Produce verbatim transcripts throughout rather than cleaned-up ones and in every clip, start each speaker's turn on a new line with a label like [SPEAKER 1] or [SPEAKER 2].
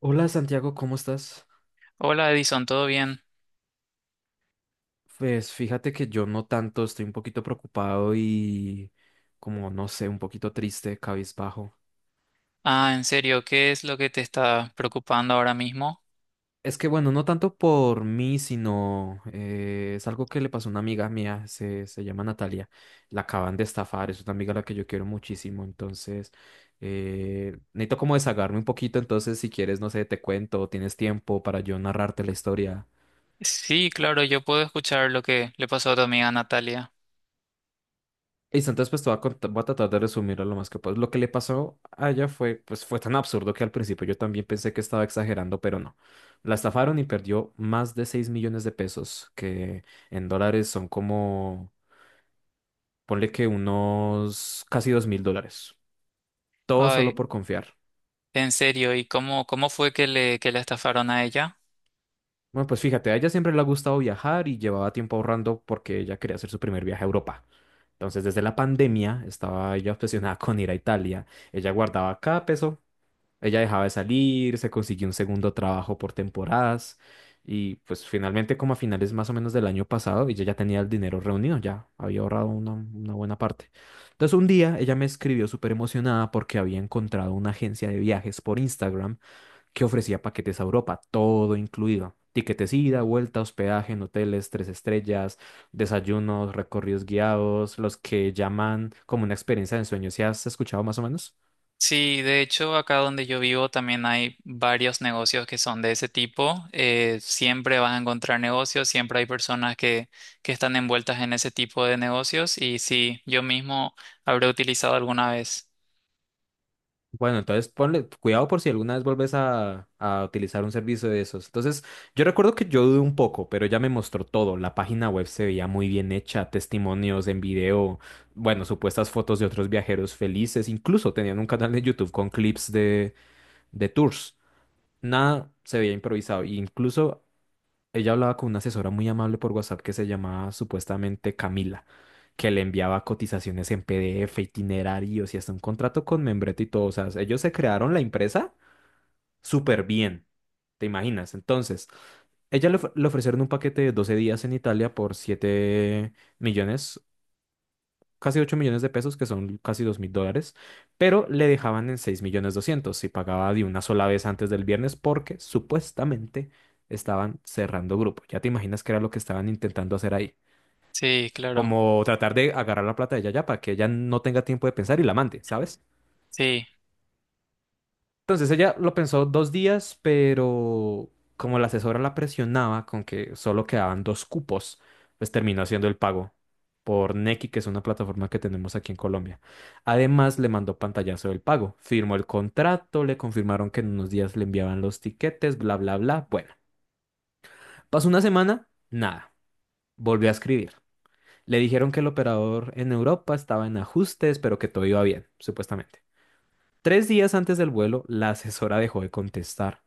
[SPEAKER 1] Hola Santiago, ¿cómo estás?
[SPEAKER 2] Hola Edison, ¿todo bien?
[SPEAKER 1] Pues fíjate que yo no tanto, estoy un poquito preocupado y como no sé, un poquito triste, cabizbajo.
[SPEAKER 2] Ah, en serio, ¿qué es lo que te está preocupando ahora mismo?
[SPEAKER 1] Es que bueno, no tanto por mí, sino eh, es algo que le pasó a una amiga mía, se, se llama Natalia, la acaban de estafar, es una amiga a la que yo quiero muchísimo, entonces eh, necesito como desahogarme un poquito, entonces si quieres, no sé, te cuento, tienes tiempo para yo narrarte la historia.
[SPEAKER 2] Sí, claro, yo puedo escuchar lo que le pasó a tu amiga Natalia.
[SPEAKER 1] Listo, entonces pues te voy a, cont- voy a tratar de resumirlo lo más que puedo. Lo que le pasó a ella fue, pues fue tan absurdo que al principio yo también pensé que estaba exagerando, pero no. La estafaron y perdió más de seis millones de pesos, que en dólares son como, ponle que unos casi dos mil dólares. Todo solo
[SPEAKER 2] Ay,
[SPEAKER 1] por confiar.
[SPEAKER 2] en serio, ¿y cómo, cómo fue que le, que la estafaron a ella?
[SPEAKER 1] Bueno, pues fíjate, a ella siempre le ha gustado viajar y llevaba tiempo ahorrando porque ella quería hacer su primer viaje a Europa. Entonces, desde la pandemia estaba ella obsesionada con ir a Italia. Ella guardaba cada peso. Ella dejaba de salir, se consiguió un segundo trabajo por temporadas y pues finalmente como a finales más o menos del año pasado ella ya tenía el dinero reunido, ya había ahorrado una, una buena parte. Entonces un día ella me escribió súper emocionada porque había encontrado una agencia de viajes por Instagram que ofrecía paquetes a Europa, todo incluido. Tiquetes ida, vuelta, hospedaje en hoteles, tres estrellas, desayunos, recorridos guiados, los que llaman como una experiencia de ensueño. ¿Si has escuchado más o menos?
[SPEAKER 2] Sí, de hecho, acá donde yo vivo también hay varios negocios que son de ese tipo. Eh, siempre vas a encontrar negocios, siempre hay personas que, que están envueltas en ese tipo de negocios y sí, yo mismo habré utilizado alguna vez.
[SPEAKER 1] Bueno, entonces ponle cuidado por si alguna vez vuelves a, a utilizar un servicio de esos. Entonces, yo recuerdo que yo dudé un poco, pero ella me mostró todo. La página web se veía muy bien hecha, testimonios en video, bueno, supuestas fotos de otros viajeros felices, incluso tenían un canal de YouTube con clips de, de tours. Nada se veía improvisado, e incluso ella hablaba con una asesora muy amable por WhatsApp que se llamaba supuestamente Camila, que le enviaba cotizaciones en P D F, itinerarios y hasta un contrato con membrete y todo. O sea, ellos se crearon la empresa súper bien, ¿te imaginas? Entonces, ella le, of- le ofrecieron un paquete de doce días en Italia por siete millones casi ocho millones de pesos, que son casi dos mil dólares, pero le dejaban en seis millones doscientos si pagaba de una sola vez antes del viernes porque supuestamente estaban cerrando grupo. Ya te imaginas qué era lo que estaban intentando hacer ahí.
[SPEAKER 2] Sí, claro.
[SPEAKER 1] Como tratar de agarrar la plata de ella ya para que ella no tenga tiempo de pensar y la mande, ¿sabes?
[SPEAKER 2] Sí.
[SPEAKER 1] Entonces ella lo pensó dos días, pero como la asesora la presionaba con que solo quedaban dos cupos, pues terminó haciendo el pago por Nequi, que es una plataforma que tenemos aquí en Colombia. Además, le mandó pantallazo del pago, firmó el contrato, le confirmaron que en unos días le enviaban los tiquetes, bla, bla, bla. Bueno, pasó una semana, nada, volvió a escribir. Le dijeron que el operador en Europa estaba en ajustes, pero que todo iba bien, supuestamente. Tres días antes del vuelo, la asesora dejó de contestar.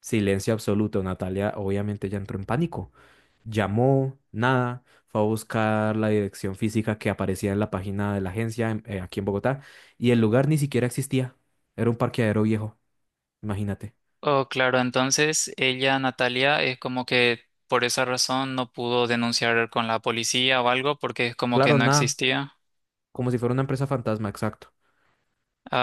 [SPEAKER 1] Silencio absoluto. Natalia obviamente ya entró en pánico. Llamó, nada, fue a buscar la dirección física que aparecía en la página de la agencia en- eh, aquí en Bogotá y el lugar ni siquiera existía. Era un parqueadero viejo, imagínate.
[SPEAKER 2] Oh, claro, entonces ella, Natalia, es como que por esa razón no pudo denunciar con la policía o algo porque es como que
[SPEAKER 1] Claro,
[SPEAKER 2] no
[SPEAKER 1] nada,
[SPEAKER 2] existía.
[SPEAKER 1] como si fuera una empresa fantasma, exacto.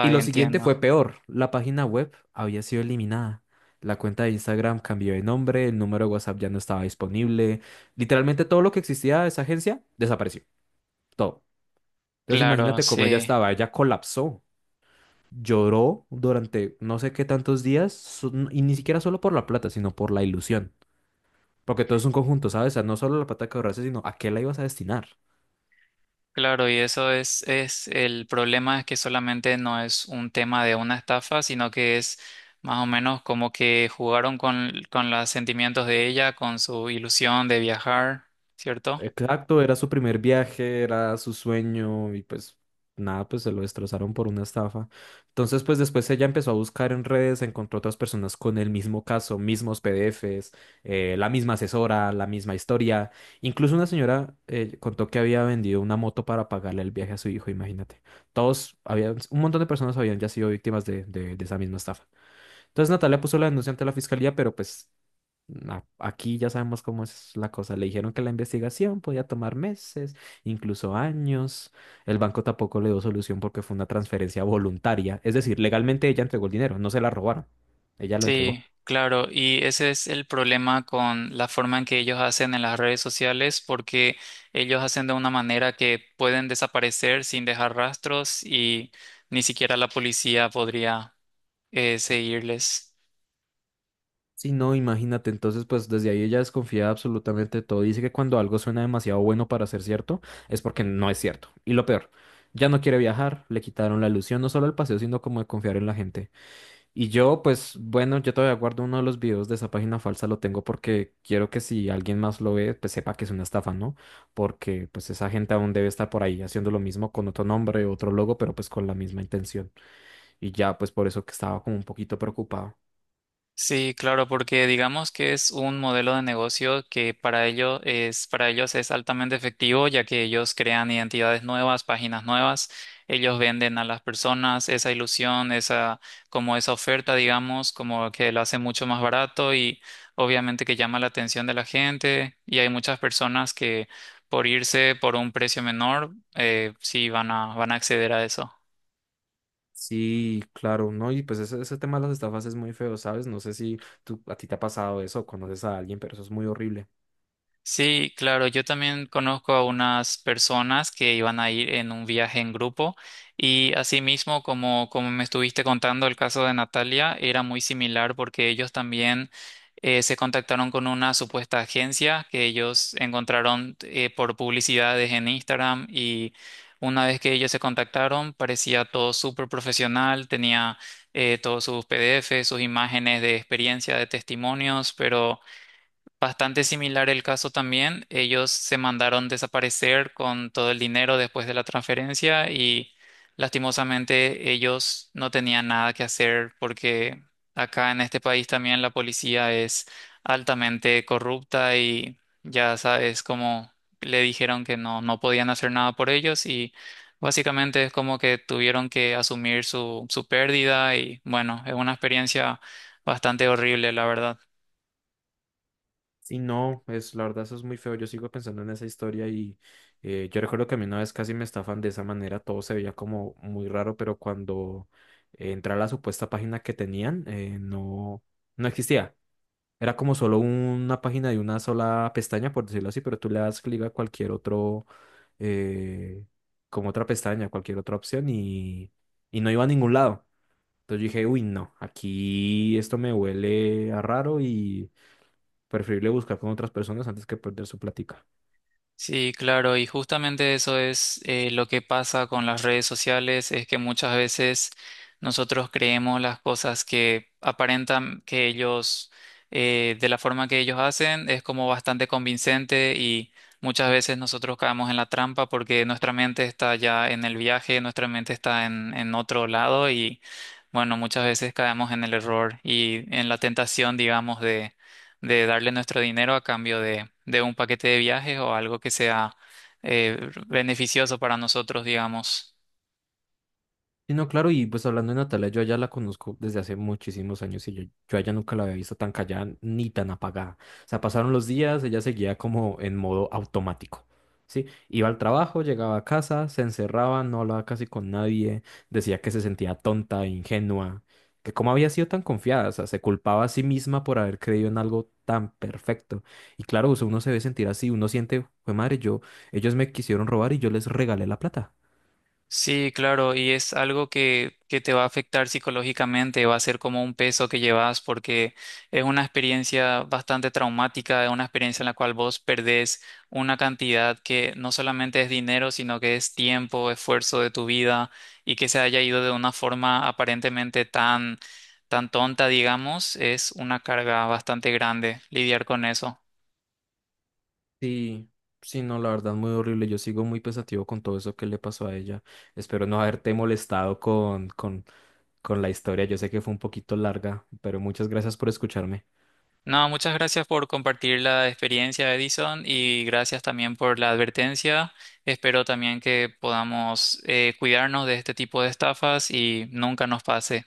[SPEAKER 1] Y lo siguiente
[SPEAKER 2] entiendo.
[SPEAKER 1] fue peor. La página web había sido eliminada. La cuenta de Instagram cambió de nombre, el número de WhatsApp ya no estaba disponible. Literalmente todo lo que existía de esa agencia desapareció. Todo. Entonces
[SPEAKER 2] Claro,
[SPEAKER 1] imagínate cómo ella
[SPEAKER 2] sí,
[SPEAKER 1] estaba, ella colapsó. Lloró durante no sé qué tantos días, so- y ni siquiera solo por la plata, sino por la ilusión. Porque todo es un conjunto, ¿sabes? O sea, no solo la plata que ahorraste, sino a qué la ibas a destinar.
[SPEAKER 2] claro, y eso es, es el problema es que solamente no es un tema de una estafa, sino que es más o menos como que jugaron con, con los sentimientos de ella, con su ilusión de viajar, ¿cierto?
[SPEAKER 1] Exacto, era su primer viaje, era su sueño y pues nada, pues se lo destrozaron por una estafa. Entonces, pues después ella empezó a buscar en redes, encontró otras personas con el mismo caso, mismos P D Fs, eh, la misma asesora, la misma historia. Incluso una señora eh, contó que había vendido una moto para pagarle el viaje a su hijo, imagínate. Todos, había, un montón de personas habían ya sido víctimas de, de de esa misma estafa. Entonces Natalia puso la denuncia ante la fiscalía, pero pues a- aquí ya sabemos cómo es la cosa. Le dijeron que la investigación podía tomar meses, incluso años. El banco tampoco le dio solución porque fue una transferencia voluntaria. Es decir, legalmente ella entregó el dinero, no se la robaron. Ella lo entregó.
[SPEAKER 2] Sí, claro, y ese es el problema con la forma en que ellos hacen en las redes sociales, porque ellos hacen de una manera que pueden desaparecer sin dejar rastros y ni siquiera la policía podría eh, seguirles.
[SPEAKER 1] Sí, no, imagínate, entonces pues desde ahí ella desconfía de absolutamente todo. Dice que cuando algo suena demasiado bueno para ser cierto, es porque no es cierto. Y lo peor, ya no quiere viajar, le quitaron la ilusión no solo el paseo, sino como de confiar en la gente. Y yo, pues bueno, yo todavía guardo uno de los videos de esa página falsa, lo tengo porque quiero que si alguien más lo ve, pues sepa que es una estafa, ¿no? Porque pues esa gente aún debe estar por ahí haciendo lo mismo con otro nombre, otro logo, pero pues con la misma intención. Y ya, pues por eso que estaba como un poquito preocupado.
[SPEAKER 2] Sí, claro, porque digamos que es un modelo de negocio que para ello es, para ellos es altamente efectivo, ya que ellos crean identidades nuevas, páginas nuevas, ellos venden a las personas esa ilusión, esa, como esa oferta, digamos, como que lo hace mucho más barato y obviamente que llama la atención de la gente y hay muchas personas que por irse por un precio menor, eh, sí van a, van a acceder a eso.
[SPEAKER 1] Sí, claro, ¿no? Y pues ese, ese tema de las estafas es muy feo, ¿sabes? No sé si tú, a ti te ha pasado eso o conoces a alguien, pero eso es muy horrible.
[SPEAKER 2] Sí, claro, yo también conozco a unas personas que iban a ir en un viaje en grupo y asimismo, como, como me estuviste contando el caso de Natalia, era muy similar porque ellos también eh, se contactaron con una supuesta agencia que ellos encontraron eh, por publicidades en Instagram y una vez que ellos se contactaron parecía todo súper profesional, tenía eh, todos sus P D F, sus imágenes de experiencia, de testimonios, pero... Bastante similar el caso también. Ellos se mandaron desaparecer con todo el dinero después de la transferencia y lastimosamente ellos no tenían nada que hacer porque acá en este país también la policía es altamente corrupta y ya sabes como le dijeron que no, no podían hacer nada por ellos y básicamente es como que tuvieron que asumir su, su pérdida y bueno, es una experiencia bastante horrible, la verdad.
[SPEAKER 1] Sí, no, es, la verdad eso es muy feo. Yo sigo pensando en esa historia y eh, yo recuerdo que a mí una vez casi me estafan de esa manera, todo se veía como muy raro, pero cuando eh, entré a la supuesta página que tenían, eh, no, no existía. Era como solo una página de una sola pestaña, por decirlo así, pero tú le das clic a cualquier otro, eh, como otra pestaña, cualquier otra opción y, y no iba a ningún lado. Entonces yo dije, uy, no, aquí esto me huele a raro y preferible buscar con otras personas antes que perder su plática.
[SPEAKER 2] Sí, claro, y justamente eso es eh, lo que pasa con las redes sociales, es que muchas veces nosotros creemos las cosas que aparentan que ellos, eh, de la forma que ellos hacen, es como bastante convincente y muchas veces nosotros caemos en la trampa porque nuestra mente está ya en el viaje, nuestra mente está en, en otro lado y bueno, muchas veces caemos en el error y en la tentación, digamos, de darle nuestro dinero a cambio de, de un paquete de viajes o algo que sea eh, beneficioso para nosotros, digamos.
[SPEAKER 1] Sí, no, claro, y pues hablando de Natalia, yo allá la conozco desde hace muchísimos años y yo, yo a ella nunca la había visto tan callada ni tan apagada. O sea, pasaron los días, ella seguía como en modo automático, ¿sí? Iba al trabajo, llegaba a casa, se encerraba, no hablaba casi con nadie, decía que se sentía tonta, ingenua, que cómo había sido tan confiada, o sea, se culpaba a sí misma por haber creído en algo tan perfecto. Y claro, o sea, uno se ve sentir así, uno siente, fue madre, yo, ellos me quisieron robar y yo les regalé la plata.
[SPEAKER 2] Sí, claro, y es algo que, que te va a afectar psicológicamente, va a ser como un peso que llevas porque es una experiencia bastante traumática, es una experiencia en la cual vos perdés una cantidad que no solamente es dinero, sino que es tiempo, esfuerzo de tu vida y que se haya ido de una forma aparentemente tan, tan tonta, digamos, es una carga bastante grande lidiar con eso.
[SPEAKER 1] Sí, sí, no, la verdad, muy horrible. Yo sigo muy pensativo con todo eso que le pasó a ella. Espero no haberte molestado con, con, con la historia. Yo sé que fue un poquito larga, pero muchas gracias por escucharme.
[SPEAKER 2] No, muchas gracias por compartir la experiencia, Edison, y gracias también por la advertencia. Espero también que podamos eh, cuidarnos de este tipo de estafas y nunca nos pase.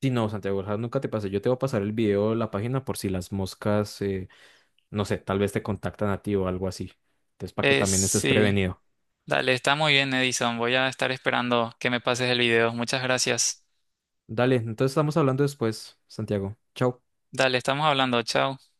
[SPEAKER 1] Sí, no, Santiago, ojalá nunca te pase. Yo te voy a pasar el video de la página por si las moscas, eh, no sé, tal vez te contactan a ti o algo así. Entonces, para que
[SPEAKER 2] Eh,
[SPEAKER 1] también estés
[SPEAKER 2] sí,
[SPEAKER 1] prevenido.
[SPEAKER 2] dale, está muy bien, Edison. Voy a estar esperando que me pases el video. Muchas gracias.
[SPEAKER 1] Dale, entonces estamos hablando después, Santiago. Chao.
[SPEAKER 2] Dale, estamos hablando. Chao.